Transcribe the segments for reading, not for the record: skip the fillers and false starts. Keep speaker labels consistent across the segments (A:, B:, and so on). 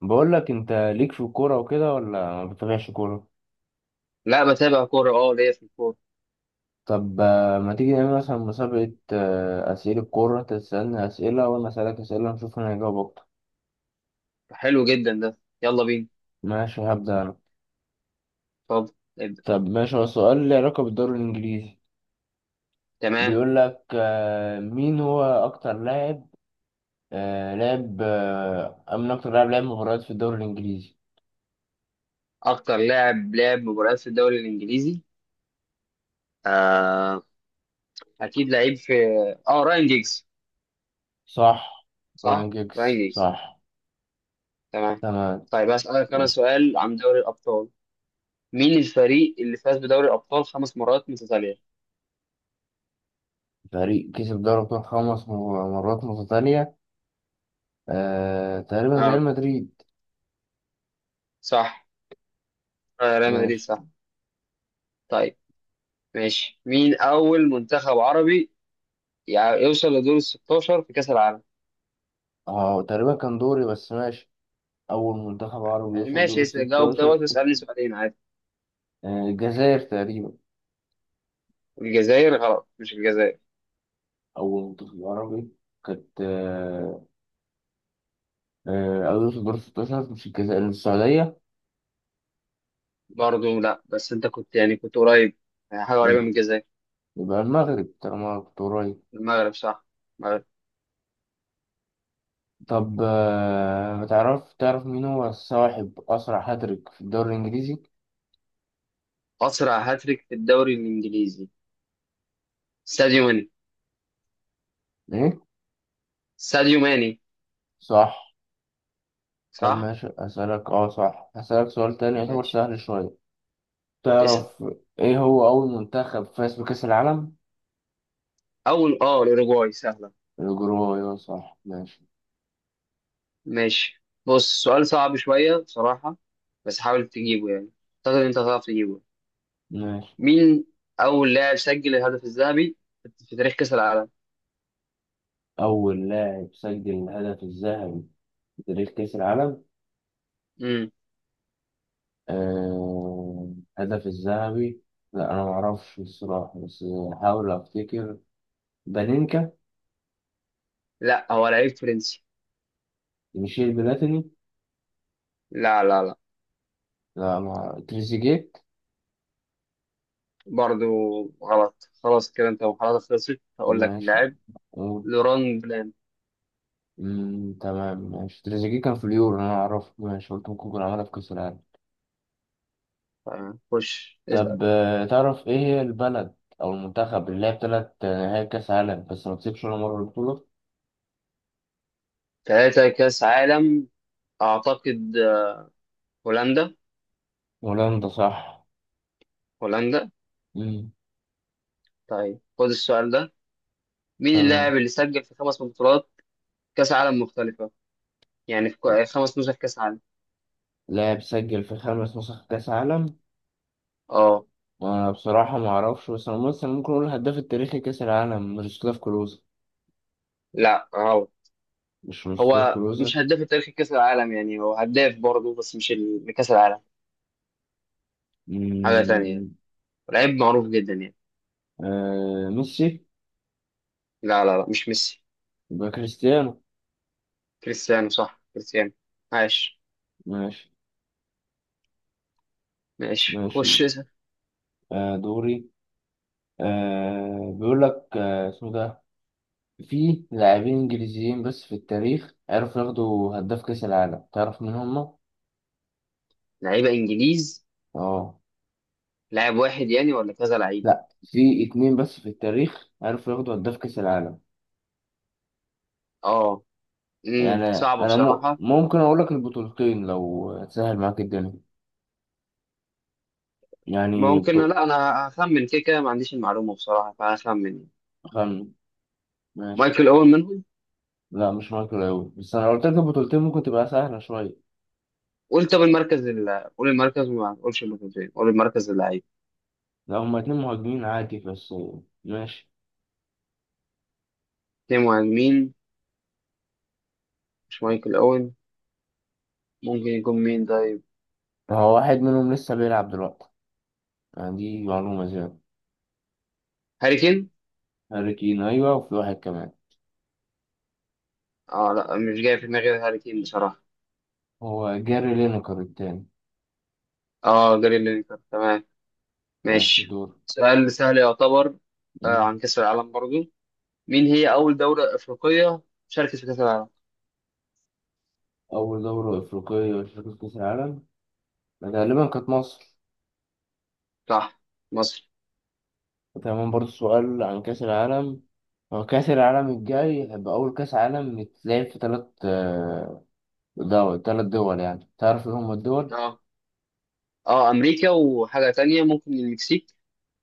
A: بقول لك انت ليك في الكوره وكده، ولا ما بتتابعش كوره؟
B: لا، بتابع كورة، ليا في الكورة.
A: طب ما تيجي نعمل مثلا مسابقه، اسئله كوره، انت تسالني اسئله وانا اسالك اسئله، نشوف مين هيجاوب اكتر.
B: حلو جدا ده، يلا بينا.
A: ماشي، هبدا انا.
B: اتفضل. ابدأ.
A: طب ماشي، هو السؤال له علاقه بالدوري الانجليزي.
B: تمام.
A: بيقول لك مين هو اكتر لاعب آه، لاعب آه، من اكتر لاعب لعب مباريات في الدوري الانجليزي.
B: أكتر لاعب لعب مباريات في الدوري الإنجليزي. آه أكيد لعيب في اه راين جيجز.
A: صح. راين
B: صح. راين
A: جيكس
B: جيجز.
A: صح.
B: تمام.
A: تمام.
B: طيب، هسألك أنا
A: ماشي.
B: سؤال عن دوري الأبطال. مين الفريق اللي فاز بدوري الأبطال خمس مرات متتالية؟
A: فريق كسب دوري ابطال خمس مرات متتاليه، تقريبا ريال
B: اه،
A: مدريد.
B: صح. آه، ريال مدريد،
A: ماشي.
B: صح. طيب ماشي. مين أول منتخب عربي يوصل لدور ال 16 في كأس العالم؟
A: اه تقريبا كان دوري، بس ماشي. أول منتخب عربي
B: يعني
A: يوصل
B: ماشي،
A: دور
B: جاوب دوت
A: الستاشر،
B: واسألني سؤالين عادي.
A: الجزائر تقريبا.
B: الجزائر غلط، مش الجزائر.
A: أول منتخب عربي كانت آه، آه، أو يوصل دور الستاشر، مش الجزائر، السعودية.
B: برضه لا، بس انت كنت يعني كنت قريب، يعني حاجه قريبه من
A: يبقى
B: الجزائر.
A: يبقى المغرب طالما كنت قريب.
B: المغرب صح، المغرب.
A: طب ما تعرف مين هو صاحب أسرع هاتريك في الدوري الإنجليزي؟
B: اسرع هاتريك في الدوري الانجليزي، ساديو ماني.
A: إيه؟
B: ساديو ماني.
A: صح. طب
B: صح.
A: ماشي، أسألك صح، هسألك سؤال تاني يعتبر
B: ماشي.
A: سهل شوية.
B: اسم.
A: تعرف إيه هو أول منتخب فاز بكأس العالم؟
B: اول الاوروجواي، سهله.
A: الأجرو أيوة صح ماشي.
B: ماشي، بص، سؤال صعب شويه بصراحه، بس حاول تجيبه يعني، اعتقد انت هتعرف تجيبه.
A: ماشي.
B: مين اول لاعب سجل الهدف الذهبي في تاريخ كاس العالم؟
A: أول لاعب سجل الهدف الذهبي في تاريخ كأس العالم.
B: امم.
A: آه... الهدف الذهبي، لا أنا معرفش الصراحة، بس هحاول أفتكر. بانينكا.
B: لا، هو لعيب فرنسي.
A: ميشيل بلاتيني.
B: لا لا لا.
A: لا، مع تريزيجيه.
B: برضو غلط. خلاص كده انت محاولاتك خلصت، هقول لك
A: ماشي،
B: اللاعب.
A: قول.
B: لوران بلان.
A: تمام ماشي، تريزيجيه كان في اليورو أنا أعرفه، ماشي قلت ممكن يكون عملها في كأس العالم.
B: خش اسأل.
A: طب تعرف إيه هي البلد أو المنتخب اللي لعب تلات نهائي كأس عالم، بس ما كسبش ولا مرة البطولة؟
B: ثلاثة كأس عالم، أعتقد هولندا.
A: هولندا صح.
B: هولندا.
A: مم.
B: طيب خد السؤال ده. مين اللاعب
A: تمام.
B: اللي سجل في خمس بطولات كأس عالم مختلفة، يعني في خمس نسخ كأس عالم؟
A: لاعب سجل في خمس نسخ كأس عالم.
B: اه.
A: وأنا بصراحة ما أعرفش، بس أنا مثلا ممكن أقول الهداف التاريخي كأس العالم ميروسلاف كلوزا.
B: لا غلط.
A: مش ميروسلاف
B: هو
A: كلوزا.
B: مش هداف تاريخ كأس العالم، يعني هو هداف برضه بس مش لكأس العالم. حاجة تانية يعني.
A: مم.
B: لعيب معروف جدا يعني.
A: ميسي.
B: لا لا لا، مش ميسي.
A: يبقى كريستيانو.
B: كريستيانو صح، كريستيانو. عاش.
A: ماشي.
B: ماشي،
A: ماشي.
B: خش اسأل.
A: آه دوري آه بيقول لك، اسمه ده، في لاعبين إنجليزيين بس في التاريخ عرفوا ياخدوا هداف كأس العالم، تعرف مين هما؟
B: لعيبة انجليز.
A: اه.
B: لاعب واحد يعني ولا كذا لعيب؟
A: لا، في اتنين بس في التاريخ عرفوا ياخدوا هداف كأس العالم،
B: اه.
A: يعني
B: صعب
A: انا مو
B: بصراحة.
A: ممكن اقول لك البطولتين لو تسهل معاك الدنيا، يعني
B: ممكن، لا انا هخمن كده كده، ما عنديش المعلومة بصراحة فهخمن يعني.
A: خم... ماشي.
B: مايكل اول منهم.
A: لا مش مايكل اوي، بس انا لو قلت لك البطولتين ممكن تبقى سهلة شوية.
B: قول، طب المركز قول المركز، وما تقولش اللوكوموتيف، قول المركز اللعيب.
A: لا هما اتنين مهاجمين عادي بس. ماشي.
B: اتنين مهاجمين، مش مايكل اوين؟ ممكن يكون مين طيب؟
A: هو واحد منهم لسه بيلعب دلوقتي، يعني دي معلومة زيادة.
B: هاري كين.
A: هاري كين، ايوه وفي واحد كمان.
B: اه، لا، مش جاي في دماغي غير هاري كين بصراحة.
A: هو جاري لينكر التاني.
B: اه، جاري لينكر، تمام.
A: ماشي
B: ماشي.
A: دور.
B: سؤال سهل يعتبر.
A: مم.
B: عن كأس العالم برضو، مين هي أول دولة أفريقية شاركت في كأس العالم؟
A: أول دورة أفريقية شاركت في كأس العالم غالبا كانت مصر.
B: صح، مصر.
A: وتمام، برضه سؤال عن كأس العالم. هو كأس العالم الجاي هيبقى أول كأس عالم يتلعب في تلات دول، يعني تعرف إيه هما الدول؟
B: اه اه، أمريكا وحاجة تانية ممكن المكسيك.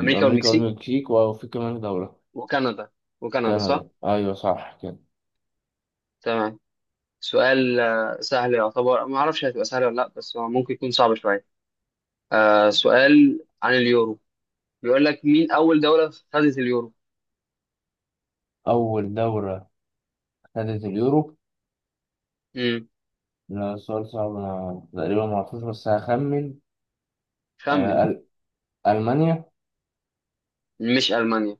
B: أمريكا
A: أمريكا
B: والمكسيك.
A: والمكسيك، وفي كمان دولة.
B: وكندا. وكندا صح؟
A: كندا أيوة صح كده.
B: تمام. سؤال سهل يعتبر، ما أعرفش هتبقى سهلة ولا لأ، بس هو ممكن يكون صعب شوية. سؤال عن اليورو. بيقول لك مين أول دولة خدت اليورو؟
A: أول دولة خدت اليورو.
B: امم.
A: لا، سؤال صعب، أنا تقريبا معرفوش بس هخمن. آه،
B: خمن.
A: أل- ألمانيا.
B: مش ألمانيا.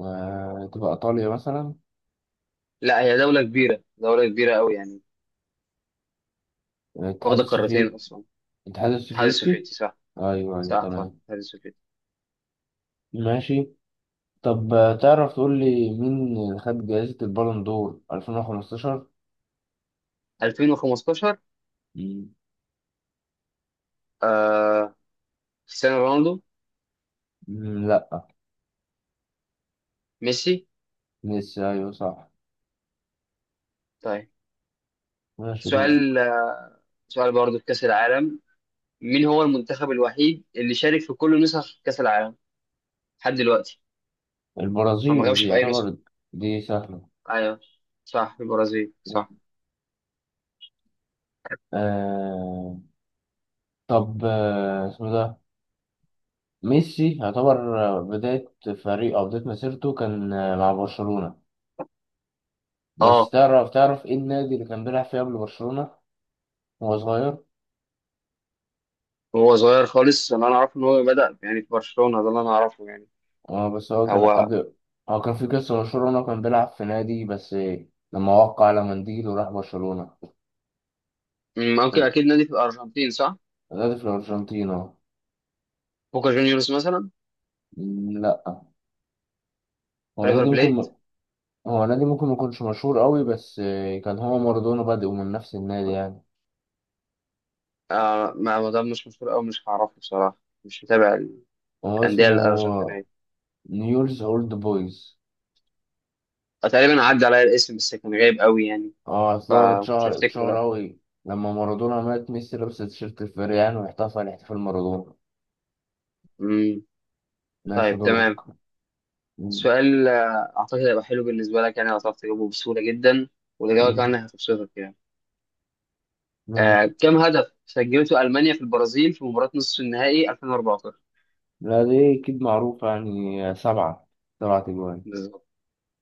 A: تبقى إيطاليا مثلا.
B: لا، هي دولة كبيرة، دولة كبيرة أوي يعني.
A: الاتحاد
B: واخدة قارتين
A: السوفيتي.
B: أصلا.
A: الاتحاد
B: الاتحاد
A: السوفيتي.
B: السوفيتي صح.
A: أيوة أيوة
B: صح صح،
A: تمام.
B: الاتحاد السوفيتي.
A: ماشي. طب تعرف تقول لي مين اللي خد جائزة البالون دور 2015؟
B: 2015.
A: مم.
B: آه كريستيانو رونالدو.
A: مم، لا.
B: ميسي.
A: ميسي أيوه صح.
B: طيب.
A: ماشي دور.
B: سؤال سؤال برضه في كأس العالم. مين هو المنتخب الوحيد اللي شارك في كل نسخ كأس العالم لحد دلوقتي؟ هو ما
A: البرازيل دي
B: غابش في أي نسخة.
A: يعتبر. دي سهلة.
B: أيوه. صح البرازيل، صح.
A: آه... طب، اسمه ده، ميسي يعتبر بداية فريق، أو بداية مسيرته كان مع برشلونة، بس
B: اه،
A: تعرف إيه النادي اللي كان بيلعب فيه قبل برشلونة وهو صغير؟
B: هو صغير خالص اللي أنا أعرفه إن هو بدأ يعني في برشلونة، ده اللي أنا أعرفه يعني.
A: اه بس هو كان
B: هو
A: قبل. هو كان في قصة مشهورة، إن هو كان بيلعب في نادي، بس لما وقع على منديل وراح برشلونة.
B: ممكن، أكيد نادي في الأرجنتين صح؟
A: نادي في الأرجنتين، اه.
B: بوكا جونيورز مثلا.
A: مم، لأ. هو
B: ريفر
A: نادي
B: بليت.
A: ممكن هو نادي ممكن ميكونش مشهور قوي، بس كان هو مارادونا بادئ من نفس النادي يعني.
B: آه، ما ده مش مشهور أوي، مش هعرفه بصراحة. مش متابع.
A: هو
B: الأندية
A: اسمه
B: الأرجنتينية.
A: نيولز أولد بويز.
B: تقريبا عدى عليا الاسم، بس كان غايب قوي يعني،
A: اه، أصل هو
B: فمش هفتكره
A: اتشهر
B: لا.
A: قوي لما مارادونا مات، ميسي لبس تيشيرت الفريق يعني، واحتفل احتفال مارادونا.
B: امم
A: ماشي
B: طيب
A: دورك.
B: تمام.
A: مم.
B: سؤال اعتقد هيبقى حلو بالنسبه لك، يعني هتعرف تجاوبه بسهوله جدا، والاجابه
A: مم.
B: كمان هتبسطك يعني.
A: ماشي.
B: كم هدف سجلته المانيا في البرازيل في مباراه نصف النهائي 2014؟
A: لا دي أكيد معروفة، يعني سبعة، سبعة أجوان.
B: بالظبط،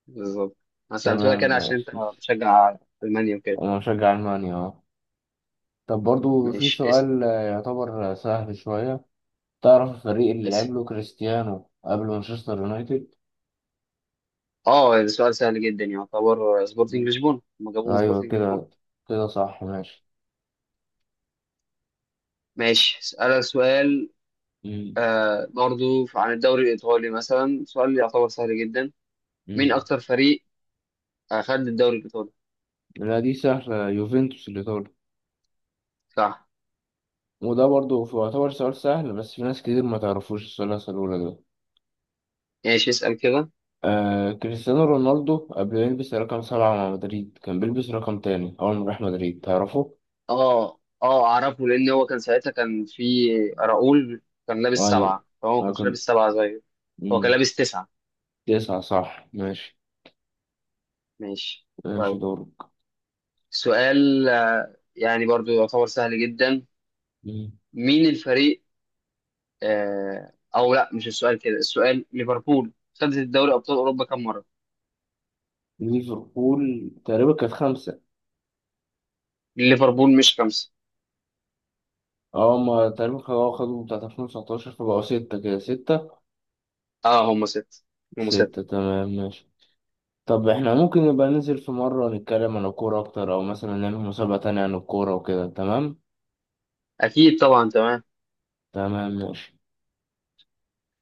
B: بالظبط. انا سالته
A: تمام
B: لك انا عشان انت
A: ماشي.
B: بتشجع المانيا وكده.
A: أنا مشجع ألمانيا أه. طب برضو في
B: ماشي، اسال.
A: سؤال يعتبر سهل شوية، تعرف الفريق اللي لعب
B: اسال.
A: له كريستيانو قبل مانشستر يونايتد؟
B: اه، ده سؤال سهل جدا يعني، يعتبر سبورتنج
A: مم.
B: لشبونه، هم جابوه من
A: أيوة
B: سبورتنج لشبونه.
A: كده، كده صح ماشي.
B: ماشي، اسالك سؤال.
A: مم.
B: برضو عن الدوري الإيطالي مثلا، سؤال يعتبر سهل جدا. مين
A: مم.
B: أكتر فريق أخد الدوري الإيطالي؟
A: لا دي سهلة، يوفنتوس الإيطالي.
B: صح.
A: وده برضو يعتبر سؤال سهل، بس في ناس كتير ما تعرفوش السؤال اللي هسأله لك ده.
B: ماشي، اسأل كده.
A: كريستيانو رونالدو قبل ما يلبس رقم سبعة مع مدريد كان بيلبس رقم تاني أول ما راح مدريد، تعرفه؟
B: اه اه، أعرفه لأن هو كان ساعتها كان في راؤول، كان لابس
A: أيوة.
B: سبعة، فهو ما
A: أنا
B: كانش
A: كنت.
B: لابس سبعة زيه. هو كان
A: مم،
B: لابس تسعة.
A: تسعة صح ماشي.
B: ماشي.
A: ماشي
B: طيب.
A: دورك.
B: سؤال يعني برضو يعتبر سهل جدا.
A: مم.
B: مين الفريق أو لا، مش السؤال كده. السؤال ليفربول خدت الدوري أبطال أوروبا كم مرة؟
A: ليفربول تقريبا كانت خمسة.
B: ليفربول مش خمسة.
A: اه ما تقريبا خدوا بتاعت 2019 فبقوا ستة، كده ستة،
B: اه، هم ستة. هم
A: ستة
B: ستة.
A: تمام ماشي. طب احنا ممكن نبقى ننزل في مرة نتكلم عن الكورة أكتر، أو مثلا نعمل مسابقة تانية عن الكورة وكده، تمام؟
B: اكيد طبعا، تمام.
A: تمام ماشي.